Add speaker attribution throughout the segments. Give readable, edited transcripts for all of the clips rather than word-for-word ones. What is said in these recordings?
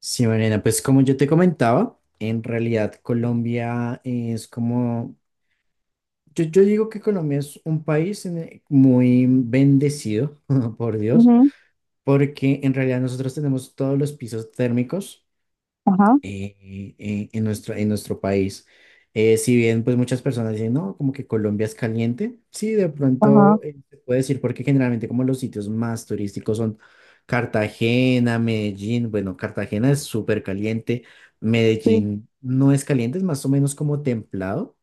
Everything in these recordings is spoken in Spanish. Speaker 1: Sí, Mariana, pues como yo te comentaba, en realidad Colombia es como, yo digo que Colombia es un país muy bendecido, por Dios,
Speaker 2: Ujú,
Speaker 1: porque en realidad nosotros tenemos todos los pisos térmicos
Speaker 2: ajá,
Speaker 1: en nuestro país. Si bien pues muchas personas dicen, no, como que Colombia es caliente, sí, de
Speaker 2: ajá,
Speaker 1: pronto se puede decir porque generalmente como los sitios más turísticos son Cartagena, Medellín, bueno, Cartagena es súper caliente.
Speaker 2: sí,
Speaker 1: Medellín no es caliente, es más o menos como templado.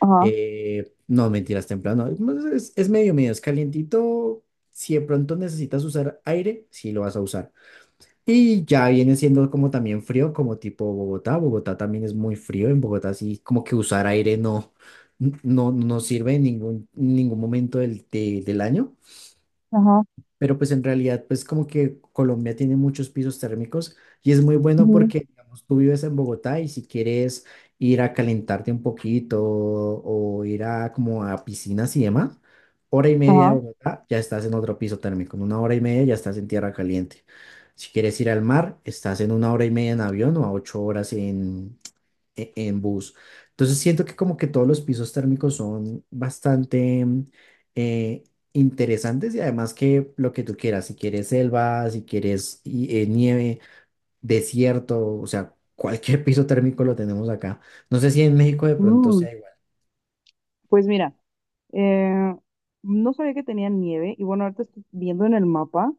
Speaker 2: ajá,
Speaker 1: No, mentiras, templado, no, es medio, medio, es calientito. Si de pronto necesitas usar aire, sí lo vas a usar y ya viene siendo como también frío, como tipo Bogotá. Bogotá también es muy frío. En Bogotá sí, como que usar aire no, no sirve en ningún, ningún momento del año,
Speaker 2: ajá,
Speaker 1: pero pues en realidad pues como que Colombia tiene muchos pisos térmicos y es muy bueno
Speaker 2: ujú,
Speaker 1: porque digamos, tú vives en Bogotá y si quieres ir a calentarte un poquito o ir a como a piscinas y demás, hora y media de
Speaker 2: ajá.
Speaker 1: Bogotá ya estás en otro piso térmico, en una hora y media ya estás en tierra caliente. Si quieres ir al mar, estás en una hora y media en avión o a 8 horas en bus. Entonces siento que como que todos los pisos térmicos son bastante eh, interesantes y además que lo que tú quieras, si quieres selva, si quieres nieve, desierto, o sea, cualquier piso térmico lo tenemos acá. No sé si en México de pronto
Speaker 2: Mm,
Speaker 1: sea igual.
Speaker 2: pues mira, eh, no sabía que tenía nieve y bueno, ahorita estoy viendo en el mapa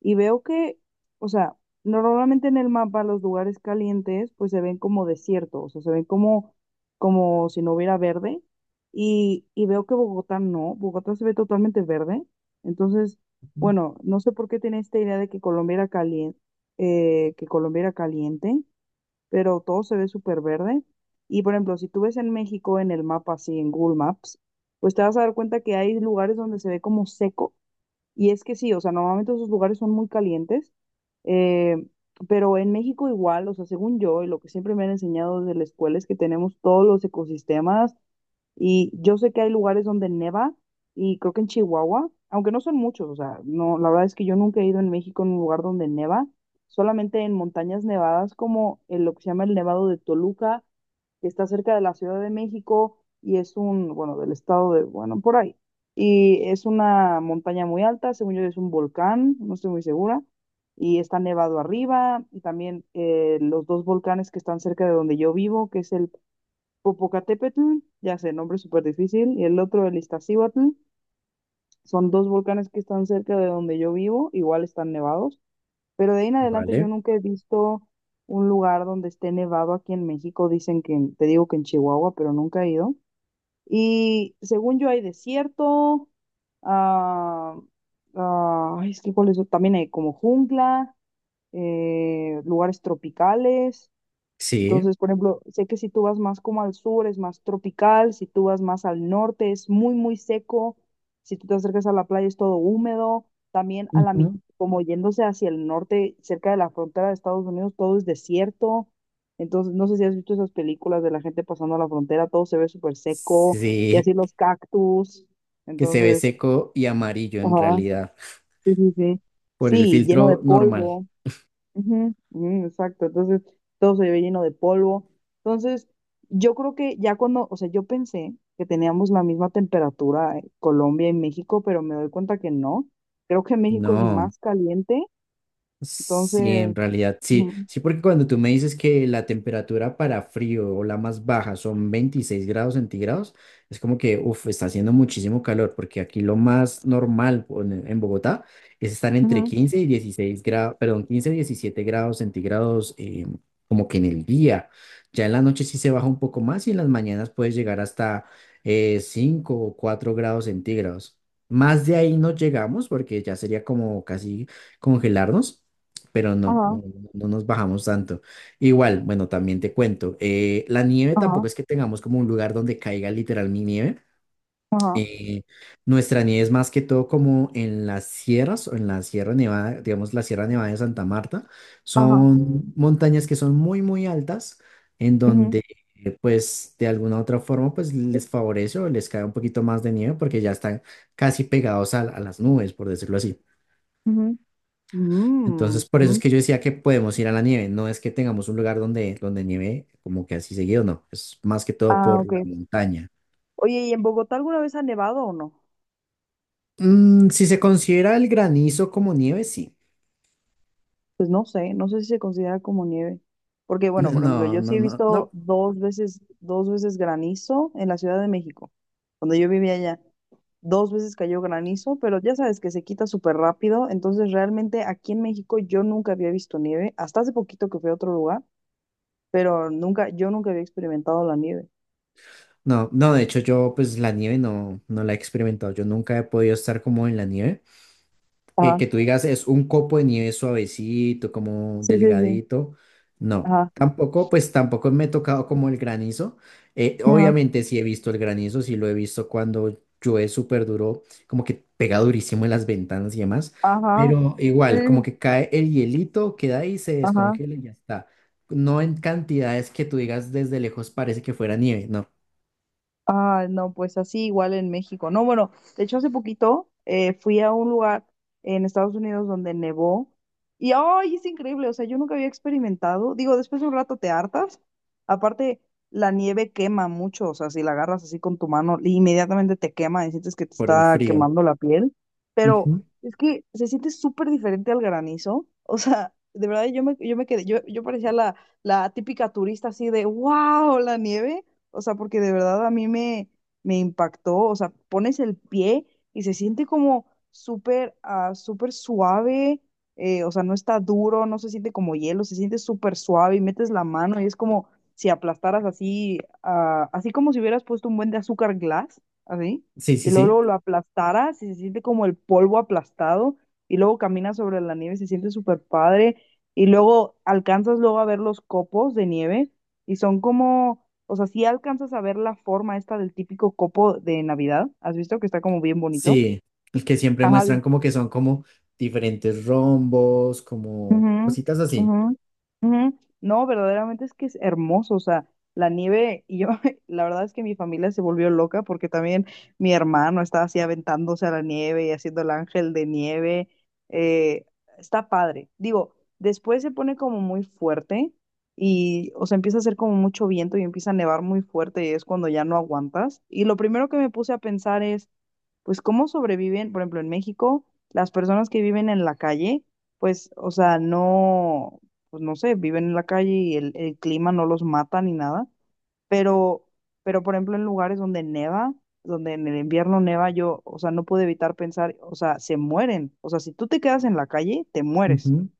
Speaker 2: y veo que, o sea, normalmente en el mapa los lugares calientes pues se ven como desiertos, o sea, se ven como, como si no hubiera verde y veo que Bogotá no, Bogotá se ve totalmente verde, entonces,
Speaker 1: Ujú.
Speaker 2: bueno, no sé por qué tenía esta idea de que Colombia era caliente, que Colombia era caliente, pero todo se ve súper verde. Y por ejemplo, si tú ves en México en el mapa, así en Google Maps, pues te vas a dar cuenta que hay lugares donde se ve como seco. Y es que sí, o sea, normalmente esos lugares son muy calientes, eh, pero en México igual, o sea, según yo y lo que siempre me han enseñado desde la escuela es que tenemos todos los ecosistemas y yo sé que hay lugares donde neva y creo que en Chihuahua, aunque no son muchos, o sea, no, la verdad es que yo nunca he ido en México a un lugar donde neva, solamente en montañas nevadas como el, lo que se llama el Nevado de Toluca, que está cerca de la Ciudad de México y es un, bueno, del estado de, bueno, por ahí. Y es una montaña muy alta, según yo es un volcán, no estoy muy segura, y está nevado arriba, y también los dos volcanes que están cerca de donde yo vivo, que es el Popocatépetl, ya sé, nombre súper difícil, y el otro, el Iztaccíhuatl, son dos volcanes que están cerca de donde yo vivo, igual están nevados, pero de ahí en adelante yo
Speaker 1: Vale.
Speaker 2: nunca he visto un lugar donde esté nevado aquí en México, dicen que, te digo que en Chihuahua, pero nunca he ido. Y según yo hay desierto, ah, ay, es que cuál es, también hay como jungla, lugares tropicales.
Speaker 1: Sí,
Speaker 2: Entonces, por ejemplo, sé que si tú vas más como al sur es más tropical, si tú vas más al norte es muy, muy seco, si tú te acercas a la playa es todo húmedo, también a la mitad,
Speaker 1: ujú,
Speaker 2: como yéndose hacia el norte, cerca de la frontera de Estados Unidos, todo es desierto. Entonces, no sé si has visto esas películas de la gente pasando a la frontera, todo se ve súper seco, y
Speaker 1: sí,
Speaker 2: así los cactus.
Speaker 1: que se ve
Speaker 2: Entonces,
Speaker 1: seco y amarillo en
Speaker 2: ajá,
Speaker 1: realidad
Speaker 2: sí, sí, sí.
Speaker 1: por el
Speaker 2: Sí, lleno de
Speaker 1: filtro normal.
Speaker 2: polvo. Ujú, ujú, exacto, entonces todo se ve lleno de polvo. Entonces, yo creo que ya cuando, o sea, yo pensé que teníamos la misma temperatura en Colombia y México, pero me doy cuenta que no. Creo que México es
Speaker 1: No.
Speaker 2: más caliente,
Speaker 1: Sí, en
Speaker 2: entonces,
Speaker 1: realidad, sí,
Speaker 2: ujú,
Speaker 1: sí, porque cuando tú me dices que la temperatura para frío o la más baja son 26 grados centígrados, es como que, uff, está haciendo muchísimo calor, porque aquí lo más normal o en Bogotá es estar entre
Speaker 2: ujú,
Speaker 1: 15 y 16 grados, perdón, 15 y 17 grados centígrados, como que en el día. Ya en la noche sí se baja un poco más y en las mañanas puedes llegar hasta 5 o 4 grados centígrados. Más de ahí no llegamos porque ya sería como casi congelarnos, pero no,
Speaker 2: ajá,
Speaker 1: no, no nos bajamos tanto. Igual, bueno, también te cuento, la nieve
Speaker 2: ajá,
Speaker 1: tampoco es que tengamos como un lugar donde caiga literal mi nieve.
Speaker 2: ajá,
Speaker 1: eh, Nuestra nieve es más que todo como en las sierras o en la Sierra Nevada, digamos la Sierra Nevada de Santa Marta.
Speaker 2: ajá,
Speaker 1: Son montañas que son muy, muy altas, en
Speaker 2: ujú,
Speaker 1: donde pues de alguna u otra forma pues les favorece o les cae un poquito más de nieve porque ya están casi pegados a las nubes, por decirlo así.
Speaker 2: ujú, mm,
Speaker 1: Entonces, por
Speaker 2: ujú.
Speaker 1: eso es que yo decía que podemos ir a la nieve. No es que tengamos un lugar donde nieve como que así seguido, no. Es más que todo
Speaker 2: Ah,
Speaker 1: por la
Speaker 2: ok.
Speaker 1: montaña.
Speaker 2: Oye, ¿y en Bogotá alguna vez ha nevado o no?
Speaker 1: Si se considera el granizo como nieve, sí.
Speaker 2: Pues no sé, no sé si se considera como nieve. Porque, bueno, por ejemplo,
Speaker 1: No,
Speaker 2: yo
Speaker 1: no,
Speaker 2: sí he
Speaker 1: no,
Speaker 2: visto
Speaker 1: no.
Speaker 2: dos veces granizo en la Ciudad de México, cuando yo vivía allá. Dos veces cayó granizo, pero ya sabes que se quita súper rápido. Entonces, realmente aquí en México yo nunca había visto nieve, hasta hace poquito que fui a otro lugar, pero nunca, yo nunca había experimentado la nieve.
Speaker 1: No, no, de hecho yo pues la nieve no la he experimentado. Yo nunca he podido estar como en la nieve, que,
Speaker 2: Ajá,
Speaker 1: que tú digas es un copo de nieve suavecito, como
Speaker 2: sí, sí, sí.
Speaker 1: delgadito. No,
Speaker 2: Ajá,
Speaker 1: tampoco, pues tampoco me he tocado como el granizo.
Speaker 2: ajá,
Speaker 1: Obviamente sí he visto el granizo, sí lo he visto cuando llueve súper duro, como que pega durísimo en las ventanas y demás.
Speaker 2: ajá,
Speaker 1: Pero igual, como
Speaker 2: sí,
Speaker 1: que cae el hielito, queda ahí, se
Speaker 2: ajá.
Speaker 1: descongela y ya está. No en cantidades que tú digas desde lejos parece que fuera nieve, no,
Speaker 2: Ah, no, pues así igual en México. No, bueno, de hecho hace poquito fui a un lugar en Estados Unidos donde nevó y ¡ay! Es increíble, o sea, yo nunca había experimentado. Digo, después de un rato te hartas. Aparte, la nieve quema mucho, o sea, si la agarras así con tu mano, inmediatamente te quema y sientes que te
Speaker 1: por el
Speaker 2: está
Speaker 1: frío.
Speaker 2: quemando la piel. Pero
Speaker 1: Ujú.
Speaker 2: es que se siente súper diferente al granizo. O sea, de verdad yo me quedé, yo parecía la, la típica turista así de, wow, la nieve. O sea, porque de verdad me impactó. O sea, pones el pie y se siente como súper súper suave, o sea, no está duro, no se siente como hielo, se siente súper suave y metes la mano y es como si aplastaras así, así como si hubieras puesto un buen de azúcar glass, así.
Speaker 1: Sí, sí,
Speaker 2: Y luego,
Speaker 1: sí.
Speaker 2: luego lo aplastaras y se siente como el polvo aplastado. Y luego caminas sobre la nieve, y se siente súper padre. Y luego alcanzas luego a ver los copos de nieve y son como, o sea, si alcanzas a ver la forma esta del típico copo de Navidad, ¿has visto que está como bien bonito?
Speaker 1: Sí, el que siempre
Speaker 2: Ajá,
Speaker 1: muestran como que son como diferentes rombos, como
Speaker 2: ujú,
Speaker 1: cositas así.
Speaker 2: ujú, ujú. No, verdaderamente es que es hermoso, o sea, la nieve, y yo, la verdad es que mi familia se volvió loca porque también mi hermano estaba así aventándose a la nieve y haciendo el ángel de nieve, eh, está padre. Digo, después se pone como muy fuerte y, o sea, empieza a hacer como mucho viento y empieza a nevar muy fuerte y es cuando ya no aguantas. Y lo primero que me puse a pensar es pues cómo sobreviven, por ejemplo, en México, las personas que viven en la calle, pues, o sea, no, pues no sé, viven en la calle y el clima no los mata ni nada, pero, pero por ejemplo, en lugares donde neva, donde en el invierno neva, yo, o sea, no pude evitar pensar, o sea, se mueren, o sea, si tú te quedas en la calle, te mueres.
Speaker 1: Ujú.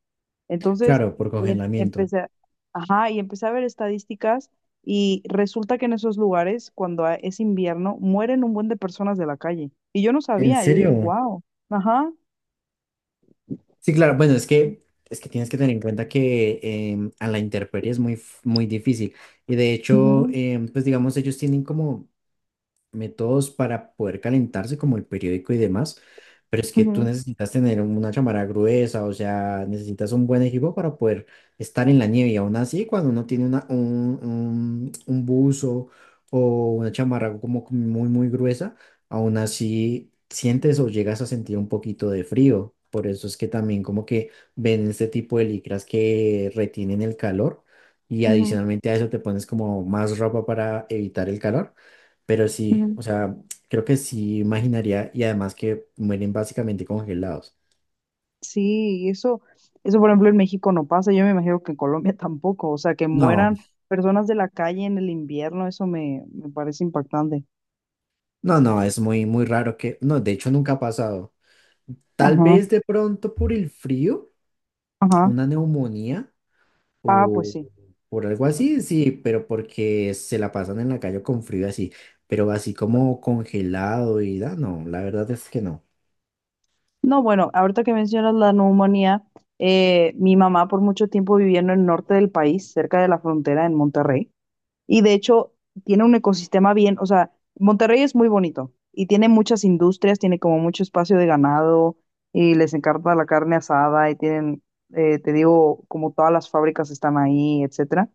Speaker 2: Entonces,
Speaker 1: Claro, por
Speaker 2: em-
Speaker 1: congelamiento.
Speaker 2: empecé, a- ajá, y empecé a ver estadísticas y resulta que en esos lugares, cuando es invierno, mueren un buen de personas de la calle. Y yo no
Speaker 1: ¿En
Speaker 2: sabía, yo dije,
Speaker 1: serio?
Speaker 2: wow, ajá,
Speaker 1: Sí, claro, bueno, es que tienes que tener en cuenta que a la intemperie es muy difícil. Y de hecho,
Speaker 2: ujú,
Speaker 1: pues digamos, ellos tienen como métodos para poder calentarse, como el periódico y demás, pero es que tú
Speaker 2: ujú,
Speaker 1: necesitas tener una chamarra gruesa, o sea, necesitas un buen equipo para poder estar en la nieve. Y aún así, cuando uno tiene un buzo o una chamarra como que muy, muy gruesa, aún así sientes o llegas a sentir un poquito de frío. Por eso es que también como que ven este tipo de licras que retienen el calor y
Speaker 2: ujú,
Speaker 1: adicionalmente a eso te pones como más ropa para evitar el calor. Pero sí,
Speaker 2: ujú".
Speaker 1: o sea, creo que sí imaginaría y además que mueren básicamente congelados.
Speaker 2: Sí, y eso por ejemplo en México no pasa, yo me imagino que en Colombia tampoco, o sea, que
Speaker 1: No,
Speaker 2: mueran personas de la calle en el invierno, eso me parece impactante.
Speaker 1: no, no, es muy, muy raro que, no, de hecho nunca ha pasado. Tal
Speaker 2: Ajá,
Speaker 1: vez de pronto por el frío,
Speaker 2: ajá.
Speaker 1: una neumonía
Speaker 2: Ah, pues
Speaker 1: o
Speaker 2: sí.
Speaker 1: por algo así, sí, pero porque se la pasan en la calle con frío así, pero así como congelado y da, no, la verdad es que no.
Speaker 2: No, bueno, ahorita que mencionas la neumonía, mi mamá por mucho tiempo viviendo en el norte del país, cerca de la frontera en Monterrey. Y de hecho, tiene un ecosistema bien, o sea, Monterrey es muy bonito y tiene muchas industrias, tiene como mucho espacio de ganado y les encanta la carne asada y tienen, te digo, como todas las fábricas están ahí, etcétera.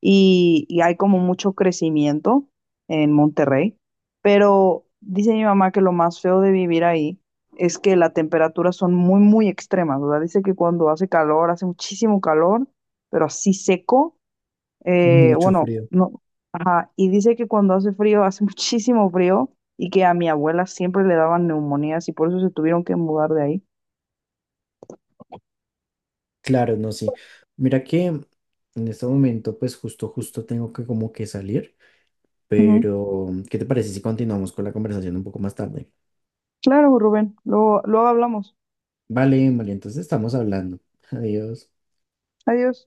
Speaker 2: Y hay como mucho crecimiento en Monterrey, pero dice mi mamá que lo más feo de vivir ahí es que las temperaturas son muy, muy extremas, o sea, dice que cuando hace calor, hace muchísimo calor, pero así seco,
Speaker 1: Mucho
Speaker 2: bueno,
Speaker 1: frío.
Speaker 2: no, ajá. Y dice que cuando hace frío, hace muchísimo frío y que a mi abuela siempre le daban neumonías y por eso se tuvieron que mudar de ahí.
Speaker 1: Claro, no, sí. Mira que en este momento, pues justo, justo tengo que como que salir.
Speaker 2: Ujú.
Speaker 1: Pero, ¿qué te parece si continuamos con la conversación un poco más tarde?
Speaker 2: Claro, Rubén, luego, luego hablamos.
Speaker 1: Vale, vale, entonces estamos hablando. Adiós.
Speaker 2: Adiós.